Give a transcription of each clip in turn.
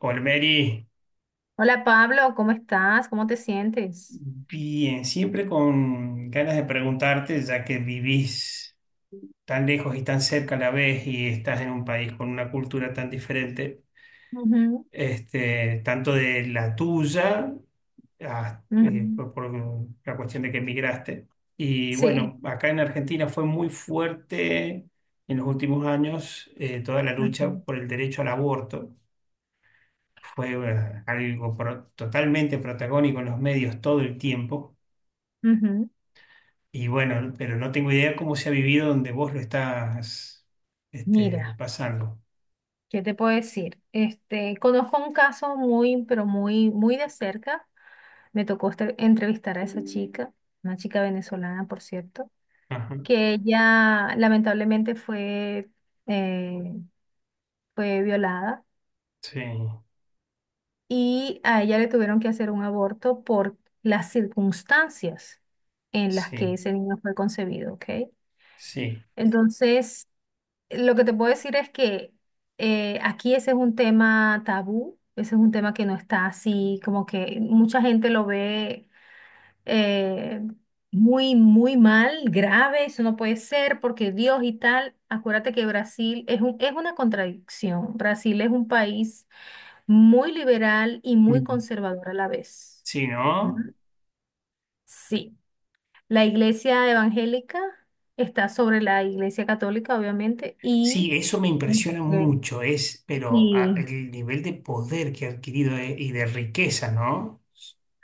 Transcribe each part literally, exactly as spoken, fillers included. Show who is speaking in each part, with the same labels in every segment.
Speaker 1: Olmeri,
Speaker 2: Hola Pablo, ¿cómo estás? ¿Cómo te sientes?
Speaker 1: bien, siempre con ganas de preguntarte, ya que vivís tan lejos y tan cerca a la vez y estás en un país con una cultura tan diferente,
Speaker 2: Ujú.
Speaker 1: este, tanto de la tuya, ah, eh,
Speaker 2: Ujú.
Speaker 1: por, por la cuestión de que emigraste. Y
Speaker 2: Sí,
Speaker 1: bueno, acá en Argentina fue muy fuerte en los últimos años eh, toda la lucha
Speaker 2: ujú.
Speaker 1: por el derecho al aborto. Fue eh, algo pro- totalmente protagónico en los medios todo el tiempo.
Speaker 2: Ujú.
Speaker 1: Y bueno, pero no tengo idea cómo se ha vivido donde vos lo estás este,
Speaker 2: Mira,
Speaker 1: pasando.
Speaker 2: ¿qué te puedo decir? Este, conozco un caso muy, pero muy, muy de cerca. Me tocó este- entrevistar a esa chica, una chica venezolana, por cierto,
Speaker 1: Ajá.
Speaker 2: que ella lamentablemente fue, eh, fue violada,
Speaker 1: Sí,
Speaker 2: y a ella le tuvieron que hacer un aborto por las circunstancias en las que
Speaker 1: sí,
Speaker 2: ese niño fue concebido, ¿ok?
Speaker 1: sí.
Speaker 2: Entonces, lo que te puedo decir es que eh, aquí ese es un tema tabú, ese es un tema que no está así, como que mucha gente lo ve eh, muy, muy mal, grave, eso no puede ser porque Dios y tal. Acuérdate que Brasil es un, es una contradicción. Brasil es un país muy liberal y muy
Speaker 1: Mm.
Speaker 2: conservador a la vez.
Speaker 1: Sí,
Speaker 2: ¿Mm?
Speaker 1: ¿no?
Speaker 2: Sí, la iglesia evangélica está sobre la iglesia católica, obviamente, y,
Speaker 1: Sí, eso me impresiona
Speaker 2: ujú.
Speaker 1: mucho, es, pero ah,
Speaker 2: Y,
Speaker 1: el nivel de poder que ha adquirido eh, y de riqueza, ¿no?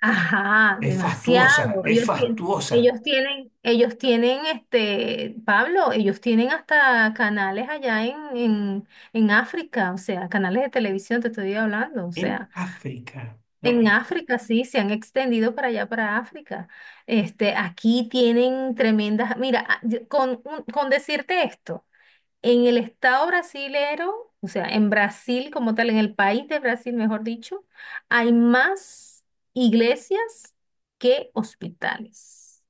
Speaker 2: ajá,
Speaker 1: Es
Speaker 2: demasiado.
Speaker 1: fastuosa, es
Speaker 2: Ellos, tie-
Speaker 1: fastuosa.
Speaker 2: ellos tienen, ellos tienen, este, Pablo, ellos tienen hasta canales allá en, en, en África, o sea, canales de televisión, te estoy hablando, o
Speaker 1: En
Speaker 2: sea,
Speaker 1: África,
Speaker 2: en
Speaker 1: ¿no?
Speaker 2: África sí, se han extendido para allá, para África. Este, aquí tienen tremendas, mira, a- yo- con, un- con decirte esto. En el estado brasilero, o sea, en Brasil como tal, en el país de Brasil, mejor dicho, hay más iglesias que hospitales.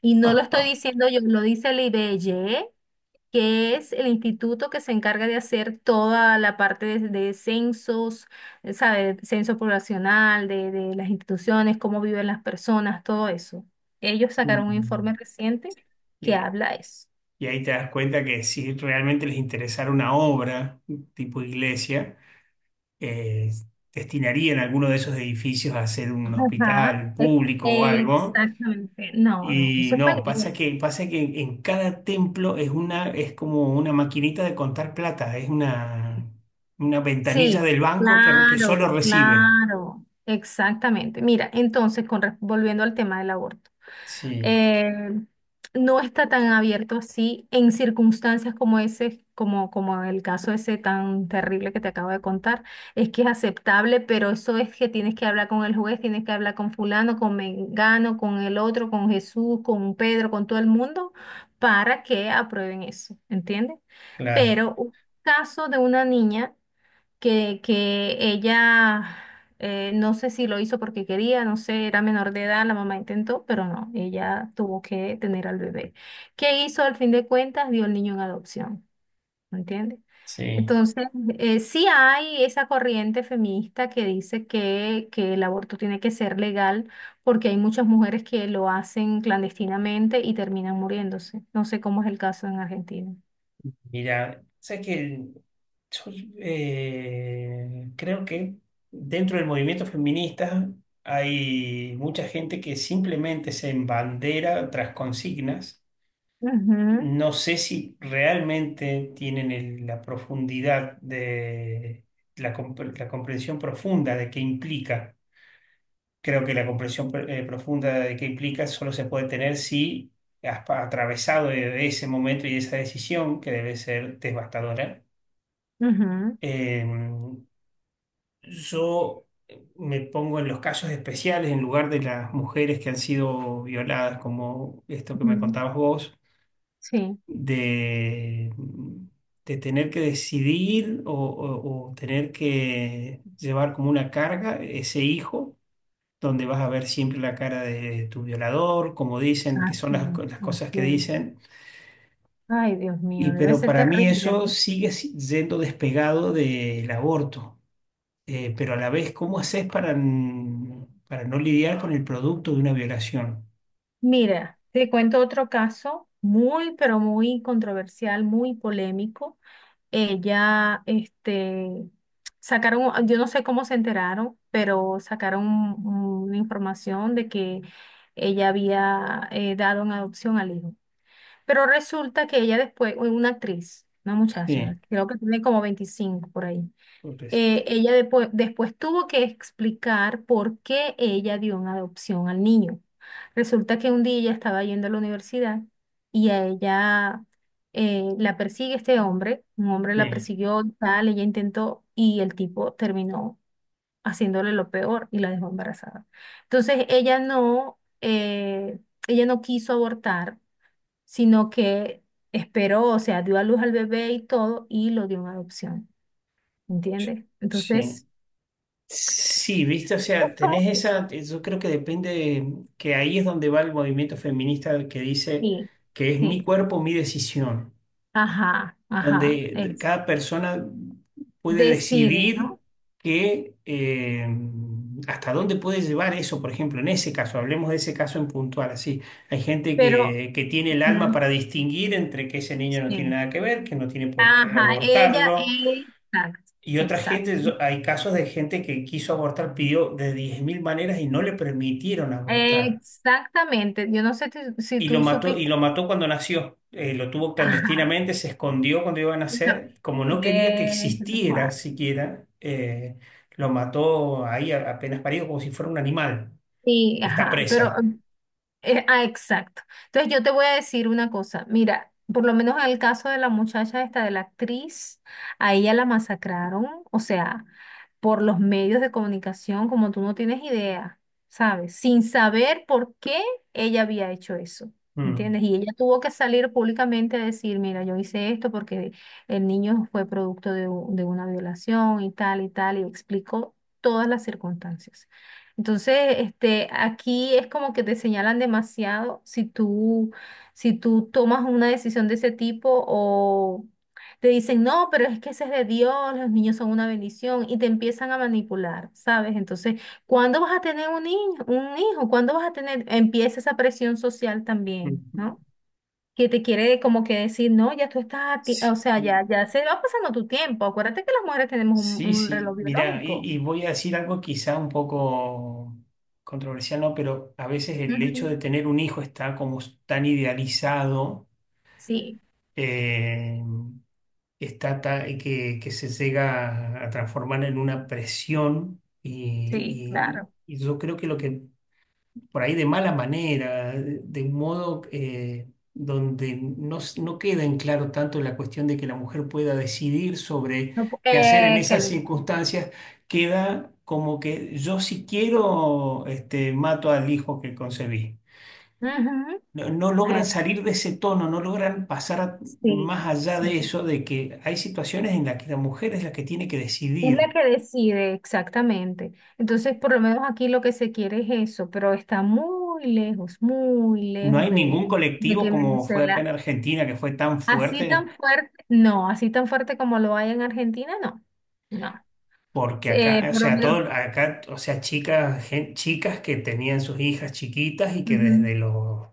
Speaker 2: Y no lo estoy diciendo yo, lo dice el I B G E, que es el instituto que se encarga de hacer toda la parte de, de censos, eh, ¿sabe? Censo poblacional, de, de las instituciones, cómo viven las personas, todo eso. Ellos sacaron un
Speaker 1: Mm.
Speaker 2: informe reciente que
Speaker 1: Y,
Speaker 2: habla eso.
Speaker 1: y ahí te das cuenta que si realmente les interesara una obra tipo iglesia, eh, destinarían alguno de esos edificios a ser un
Speaker 2: Ajá,
Speaker 1: hospital
Speaker 2: ex-
Speaker 1: público o algo.
Speaker 2: exactamente. No, no,
Speaker 1: Y
Speaker 2: eso es para
Speaker 1: no, pasa
Speaker 2: inglés.
Speaker 1: que, pasa que en, en cada templo es una, es como una maquinita de contar plata, es una, una ventanilla
Speaker 2: Sí,
Speaker 1: del banco que, re- que
Speaker 2: claro,
Speaker 1: solo recibe.
Speaker 2: claro, exactamente. Mira, entonces, con, re- volviendo al tema del aborto.
Speaker 1: Sí,
Speaker 2: eh, no está tan abierto así en circunstancias como ese, como, como el caso ese tan terrible que te acabo de contar. Es que es aceptable, pero eso es que tienes que hablar con el juez, tienes que hablar con fulano, con Mengano, con el otro, con Jesús, con Pedro, con todo el mundo, para que aprueben eso, ¿entiendes?
Speaker 1: claro,
Speaker 2: Pero un caso de una niña que, que ella, eh, no sé si lo hizo porque quería, no sé, era menor de edad, la mamá intentó, pero no, ella tuvo que tener al bebé. ¿Qué hizo al fin de cuentas? Dio el niño en adopción, ¿me entiendes?
Speaker 1: sí.
Speaker 2: Entonces, eh, sí hay esa corriente feminista que dice que, que el aborto tiene que ser legal porque hay muchas mujeres que lo hacen clandestinamente y terminan muriéndose. No sé cómo es el caso en Argentina.
Speaker 1: Mira, sabes que yo, eh, creo que dentro del movimiento feminista hay mucha gente que simplemente se embandera tras consignas.
Speaker 2: Ujú,
Speaker 1: No sé si realmente tienen el- la profundidad de la, compre- la comprensión profunda de qué implica. Creo que la comprensión eh, profunda de qué implica solo se puede tener si has pa- atravesado e-, ese momento y esa decisión que debe ser devastadora.
Speaker 2: ujú,
Speaker 1: Eh, Yo eh, me pongo en los casos especiales en lugar de las mujeres que han sido violadas, como esto que me
Speaker 2: ujú.
Speaker 1: contabas vos,
Speaker 2: Sí.
Speaker 1: de, de tener que decidir o, o- o tener que llevar como una carga ese hijo, donde vas a ver siempre la cara de tu violador, como dicen, que son
Speaker 2: Así,
Speaker 1: las, co- las cosas que
Speaker 2: así.
Speaker 1: dicen.
Speaker 2: Ay, Dios
Speaker 1: Y
Speaker 2: mío, debe
Speaker 1: pero
Speaker 2: ser
Speaker 1: para mí
Speaker 2: terrible,
Speaker 1: eso
Speaker 2: ¿no?
Speaker 1: sigue si- yendo despegado del aborto. eh, pero a la vez, ¿cómo haces para, n- para no lidiar con el producto de una violación?
Speaker 2: Mira, te cuento otro caso muy, pero muy controversial, muy polémico. Ella, este, sacaron, yo no sé cómo se enteraron, pero sacaron un- una información de que ella había eh, dado en adopción al hijo. Pero resulta que ella después, una actriz, una
Speaker 1: Sí,
Speaker 2: muchacha, creo que tiene como veinticinco por ahí.
Speaker 1: pobrecita.
Speaker 2: eh, ella depo- después tuvo que explicar por qué ella dio en adopción al niño. Resulta que un día ella estaba yendo a la universidad, y a ella eh, la persigue este hombre, un hombre
Speaker 1: Sí,
Speaker 2: la persiguió, y tal, ella intentó y el tipo terminó haciéndole lo peor y la dejó embarazada. Entonces ella no, eh, ella no quiso abortar, sino que esperó, o sea, dio a luz al bebé y todo y lo dio en adopción.
Speaker 1: yo-
Speaker 2: ¿Entiendes?
Speaker 1: sí.
Speaker 2: Entonces,
Speaker 1: Sí, viste, o sea,
Speaker 2: como
Speaker 1: tenés
Speaker 2: que
Speaker 1: esa, yo creo que depende, que ahí es donde va el movimiento feminista que dice
Speaker 2: sí,
Speaker 1: que es mi
Speaker 2: sí,
Speaker 1: cuerpo, mi decisión.
Speaker 2: ajá, ajá,
Speaker 1: Donde
Speaker 2: es,
Speaker 1: cada persona puede
Speaker 2: decide,
Speaker 1: decidir
Speaker 2: ¿no?
Speaker 1: que, eh, hasta dónde puede llevar eso, por ejemplo, en ese caso, hablemos de ese caso en puntual, así. Hay gente
Speaker 2: Pero,
Speaker 1: que, que tiene el alma
Speaker 2: mm,
Speaker 1: para distinguir entre que ese niño no tiene
Speaker 2: sí,
Speaker 1: nada que ver, que no tiene por qué
Speaker 2: ajá, ella,
Speaker 1: abortarlo,
Speaker 2: exacto,
Speaker 1: y otra
Speaker 2: exacto,
Speaker 1: gente, yo- hay casos de gente que quiso abortar, pidió de diez mil maneras y no le permitieron abortar.
Speaker 2: exactamente, yo no sé ti- si
Speaker 1: Y lo
Speaker 2: tú
Speaker 1: mató, y
Speaker 2: supiste,
Speaker 1: lo mató cuando nació. Eh, lo tuvo
Speaker 2: ajá,
Speaker 1: clandestinamente, se escondió cuando iba a
Speaker 2: no,
Speaker 1: nacer. Como no quería que
Speaker 2: eh, tal
Speaker 1: existiera
Speaker 2: cual.
Speaker 1: siquiera, eh, lo mató ahí a- apenas parido como si fuera un animal.
Speaker 2: Sí,
Speaker 1: Está
Speaker 2: ajá, pero,
Speaker 1: presa.
Speaker 2: Eh, ah, exacto. Entonces yo te voy a decir una cosa. Mira, por lo menos en el caso de la muchacha esta, de la actriz, a ella la masacraron, o sea, por los medios de comunicación, como tú no tienes idea, ¿sabes? Sin saber por qué ella había hecho eso.
Speaker 1: Mm.
Speaker 2: ¿Entiendes? Y ella tuvo que salir públicamente a decir, mira, yo hice esto porque el niño fue producto de, u- de una violación y tal y tal, y explicó todas las circunstancias. Entonces, este, aquí es como que te señalan demasiado si tú, si tú, tomas una decisión de ese tipo, o te dicen, no, pero es que ese es de Dios, los niños son una bendición y te empiezan a manipular, ¿sabes? Entonces, ¿cuándo vas a tener un niño, un hijo? ¿Cuándo vas a tener? Empieza esa presión social también, ¿no?
Speaker 1: Mm.
Speaker 2: Que te quiere como que decir, no, ya tú estás, a ti-
Speaker 1: Sí,
Speaker 2: o sea, ya, ya se va pasando tu tiempo. Acuérdate que las mujeres tenemos un,
Speaker 1: sí,
Speaker 2: un
Speaker 1: sí.
Speaker 2: reloj
Speaker 1: Mira, y,
Speaker 2: biológico.
Speaker 1: y voy a decir algo quizá un poco controversial, ¿no? Pero a veces el hecho
Speaker 2: Ujú.
Speaker 1: de tener un hijo está como tan idealizado.
Speaker 2: Sí,
Speaker 1: eh, está ta- que, que se llega a transformar en una presión
Speaker 2: sí,
Speaker 1: y,
Speaker 2: claro.
Speaker 1: y- y yo creo que lo que por ahí de mala manera, de de un modo eh, donde no, s- no queda en claro tanto la cuestión de que la mujer pueda decidir sobre
Speaker 2: No pu-
Speaker 1: qué hacer en
Speaker 2: eh, que
Speaker 1: esas
Speaker 2: lo llaman.
Speaker 1: circunstancias, queda como que yo si quiero este, mato al hijo que concebí.
Speaker 2: Ujú,
Speaker 1: No, no logran
Speaker 2: eh,
Speaker 1: salir de ese tono, no logran pasar a-
Speaker 2: sí,
Speaker 1: más allá de
Speaker 2: sí.
Speaker 1: eso, de que hay situaciones en las que la mujer es la que tiene que
Speaker 2: Es la
Speaker 1: decidir.
Speaker 2: que decide exactamente. Entonces, por lo menos aquí lo que se quiere es eso, pero está muy lejos, muy
Speaker 1: No
Speaker 2: lejos
Speaker 1: hay
Speaker 2: de,
Speaker 1: ningún
Speaker 2: de
Speaker 1: colectivo
Speaker 2: que
Speaker 1: como fue acá en
Speaker 2: Venezuela,
Speaker 1: Argentina que fue tan
Speaker 2: así tan
Speaker 1: fuerte,
Speaker 2: fuerte, no, así tan fuerte como lo hay en Argentina, no, no.
Speaker 1: porque acá,
Speaker 2: Eh,
Speaker 1: o
Speaker 2: por lo
Speaker 1: sea,
Speaker 2: menos.
Speaker 1: todo, acá, o sea, chicas, gen- chicas que tenían sus hijas chiquitas y que desde
Speaker 2: Ujú.
Speaker 1: los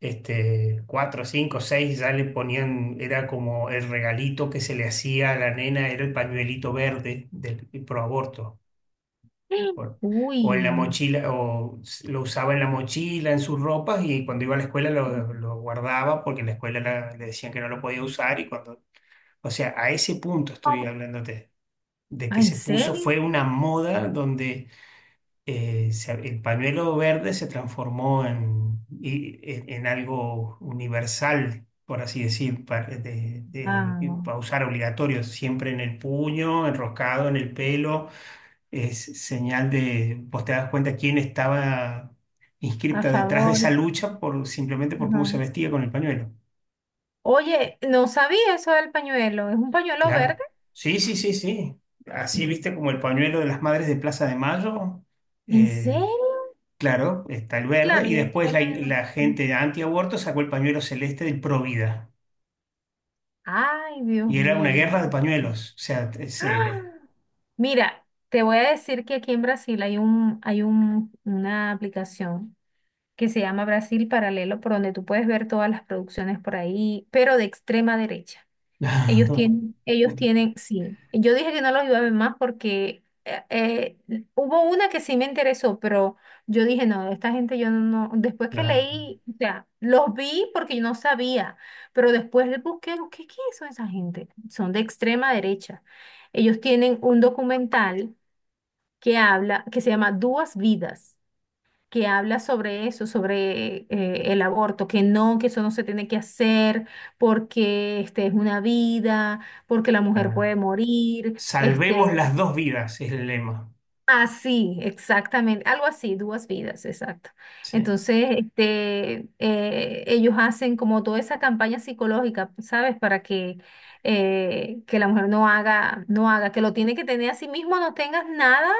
Speaker 1: este, cuatro, cinco, seis ya le ponían, era como el regalito que se le hacía a la nena, era el pañuelito verde del pro aborto. Por-
Speaker 2: Uy.
Speaker 1: o en la mochila, o s- lo usaba en la mochila, en sus ropas, y cuando iba a la escuela lo, lo guardaba porque en la escuela la- le decían que no lo podía usar. Y cuando, o sea, a ese punto estoy
Speaker 2: ¿Cómo?
Speaker 1: hablándote, de que
Speaker 2: ¿En
Speaker 1: se puso,
Speaker 2: serio?
Speaker 1: fue una moda donde eh, se- el pañuelo verde se transformó en, y- en, en algo universal. Por así decir, para, de- de-
Speaker 2: Ah,
Speaker 1: para usar obligatorio, siempre en el puño, enroscado en el pelo, es señal de, vos te das cuenta quién estaba
Speaker 2: a
Speaker 1: inscripta detrás de esa
Speaker 2: favor.
Speaker 1: lucha por, simplemente por cómo se
Speaker 2: Ajá.
Speaker 1: vestía con el pañuelo.
Speaker 2: Oye, no sabía eso del pañuelo. ¿Es un pañuelo verde?
Speaker 1: Claro. Sí, sí, sí, sí. Así viste como el pañuelo de las madres de Plaza de Mayo.
Speaker 2: ¿En
Speaker 1: eh,
Speaker 2: serio?
Speaker 1: claro, está el verde.
Speaker 2: Claro,
Speaker 1: Y
Speaker 2: yo
Speaker 1: después
Speaker 2: sé
Speaker 1: la,
Speaker 2: la de los-
Speaker 1: la gente antiaborto sacó el pañuelo celeste del Provida.
Speaker 2: Ay, Dios
Speaker 1: Y era una
Speaker 2: mío.
Speaker 1: guerra de pañuelos. O sea, t-
Speaker 2: ¡Ah!
Speaker 1: se...
Speaker 2: Mira, te voy a decir que aquí en Brasil hay un, hay un, una aplicación que se llama Brasil Paralelo, por donde tú puedes ver todas las producciones por ahí, pero de extrema derecha. Ellos tienen, ellos tienen, sí. Yo dije que no los iba a ver más porque eh, eh, hubo una que sí me interesó, pero yo dije, no, esta gente yo no, después que
Speaker 1: Claro,
Speaker 2: leí, o sea, los vi porque yo no sabía, pero después les busqué, ¿qué, qué son esa gente? Son de extrema derecha. Ellos tienen un documental que habla, que se llama Duas Vidas, que habla sobre eso, sobre eh, el aborto, que no, que eso no se tiene que hacer porque este, es una vida, porque la mujer puede
Speaker 1: claro.
Speaker 2: morir,
Speaker 1: Salvemos
Speaker 2: este,
Speaker 1: las dos vidas, es el lema.
Speaker 2: Así, exactamente, algo así, Duas Vidas, exacto.
Speaker 1: Sí,
Speaker 2: Entonces, este, eh, ellos hacen como toda esa campaña psicológica, ¿sabes? Para que, eh, que la mujer no haga, no haga, que lo tiene que tener a sí mismo, no tengas nada,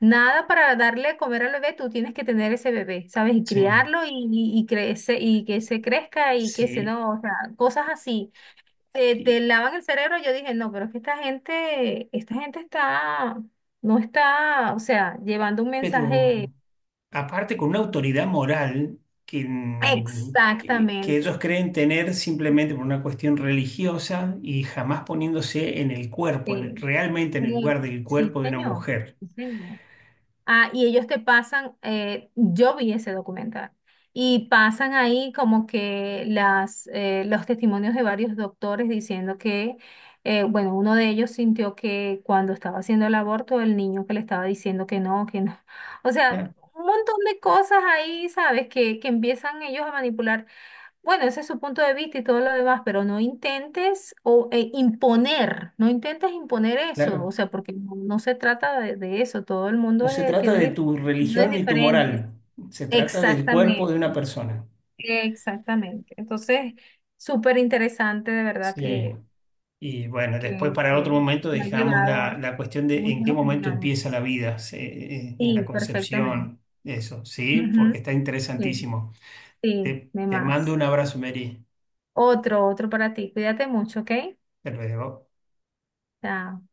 Speaker 2: nada para darle a comer al bebé, tú tienes que tener ese bebé, ¿sabes? Y
Speaker 1: sí.
Speaker 2: criarlo y, y, y, crece, y que se crezca y que se
Speaker 1: Sí,
Speaker 2: no, o sea, cosas así te,
Speaker 1: Y-
Speaker 2: te lavan el cerebro, yo dije, no, pero es que esta gente, esta gente está, no está, o sea, llevando un mensaje
Speaker 1: pero aparte con una autoridad moral que, mm, que, que ellos
Speaker 2: exactamente.
Speaker 1: creen tener simplemente por una cuestión religiosa y jamás poniéndose en el cuerpo, en el-
Speaker 2: Sí,
Speaker 1: realmente en el
Speaker 2: sí,
Speaker 1: lugar del
Speaker 2: sí,
Speaker 1: cuerpo de una
Speaker 2: señor,
Speaker 1: mujer.
Speaker 2: sí, señor. Ah, y ellos te pasan, eh, yo vi ese documental, y pasan ahí como que las, eh, los testimonios de varios doctores diciendo que, eh, bueno, uno de ellos sintió que cuando estaba haciendo el aborto, el niño que le estaba diciendo que no, que no. O sea,
Speaker 1: Claro,
Speaker 2: un montón de cosas ahí, ¿sabes? Que, que empiezan ellos a manipular, bueno, ese es su punto de vista y todo lo demás, pero no intentes o eh, imponer, no intentes imponer eso, o
Speaker 1: claro.
Speaker 2: sea, porque no, no se trata de, de eso, todo el
Speaker 1: No
Speaker 2: mundo
Speaker 1: se
Speaker 2: eh,
Speaker 1: trata de
Speaker 2: tiene dif-
Speaker 1: tu
Speaker 2: opiniones
Speaker 1: religión ni tu
Speaker 2: diferentes.
Speaker 1: moral, se trata del cuerpo de una
Speaker 2: Exactamente,
Speaker 1: persona.
Speaker 2: exactamente. Entonces, súper interesante de verdad
Speaker 1: Sí.
Speaker 2: que,
Speaker 1: Y bueno, después
Speaker 2: que,
Speaker 1: para otro
Speaker 2: que
Speaker 1: momento
Speaker 2: me ha
Speaker 1: dejamos
Speaker 2: llevado
Speaker 1: la,
Speaker 2: a
Speaker 1: la cuestión de en
Speaker 2: muchas
Speaker 1: qué momento empieza la
Speaker 2: opiniones.
Speaker 1: vida, se- eh, en la
Speaker 2: Sí, perfectamente.
Speaker 1: concepción, eso, ¿sí? Porque
Speaker 2: Ujú.
Speaker 1: está
Speaker 2: Sí,
Speaker 1: interesantísimo.
Speaker 2: sí,
Speaker 1: Te,
Speaker 2: de
Speaker 1: te mando
Speaker 2: más.
Speaker 1: un abrazo, Mary.
Speaker 2: Otro, otro para ti. Cuídate mucho, ¿ok?
Speaker 1: Hasta luego.
Speaker 2: Chao.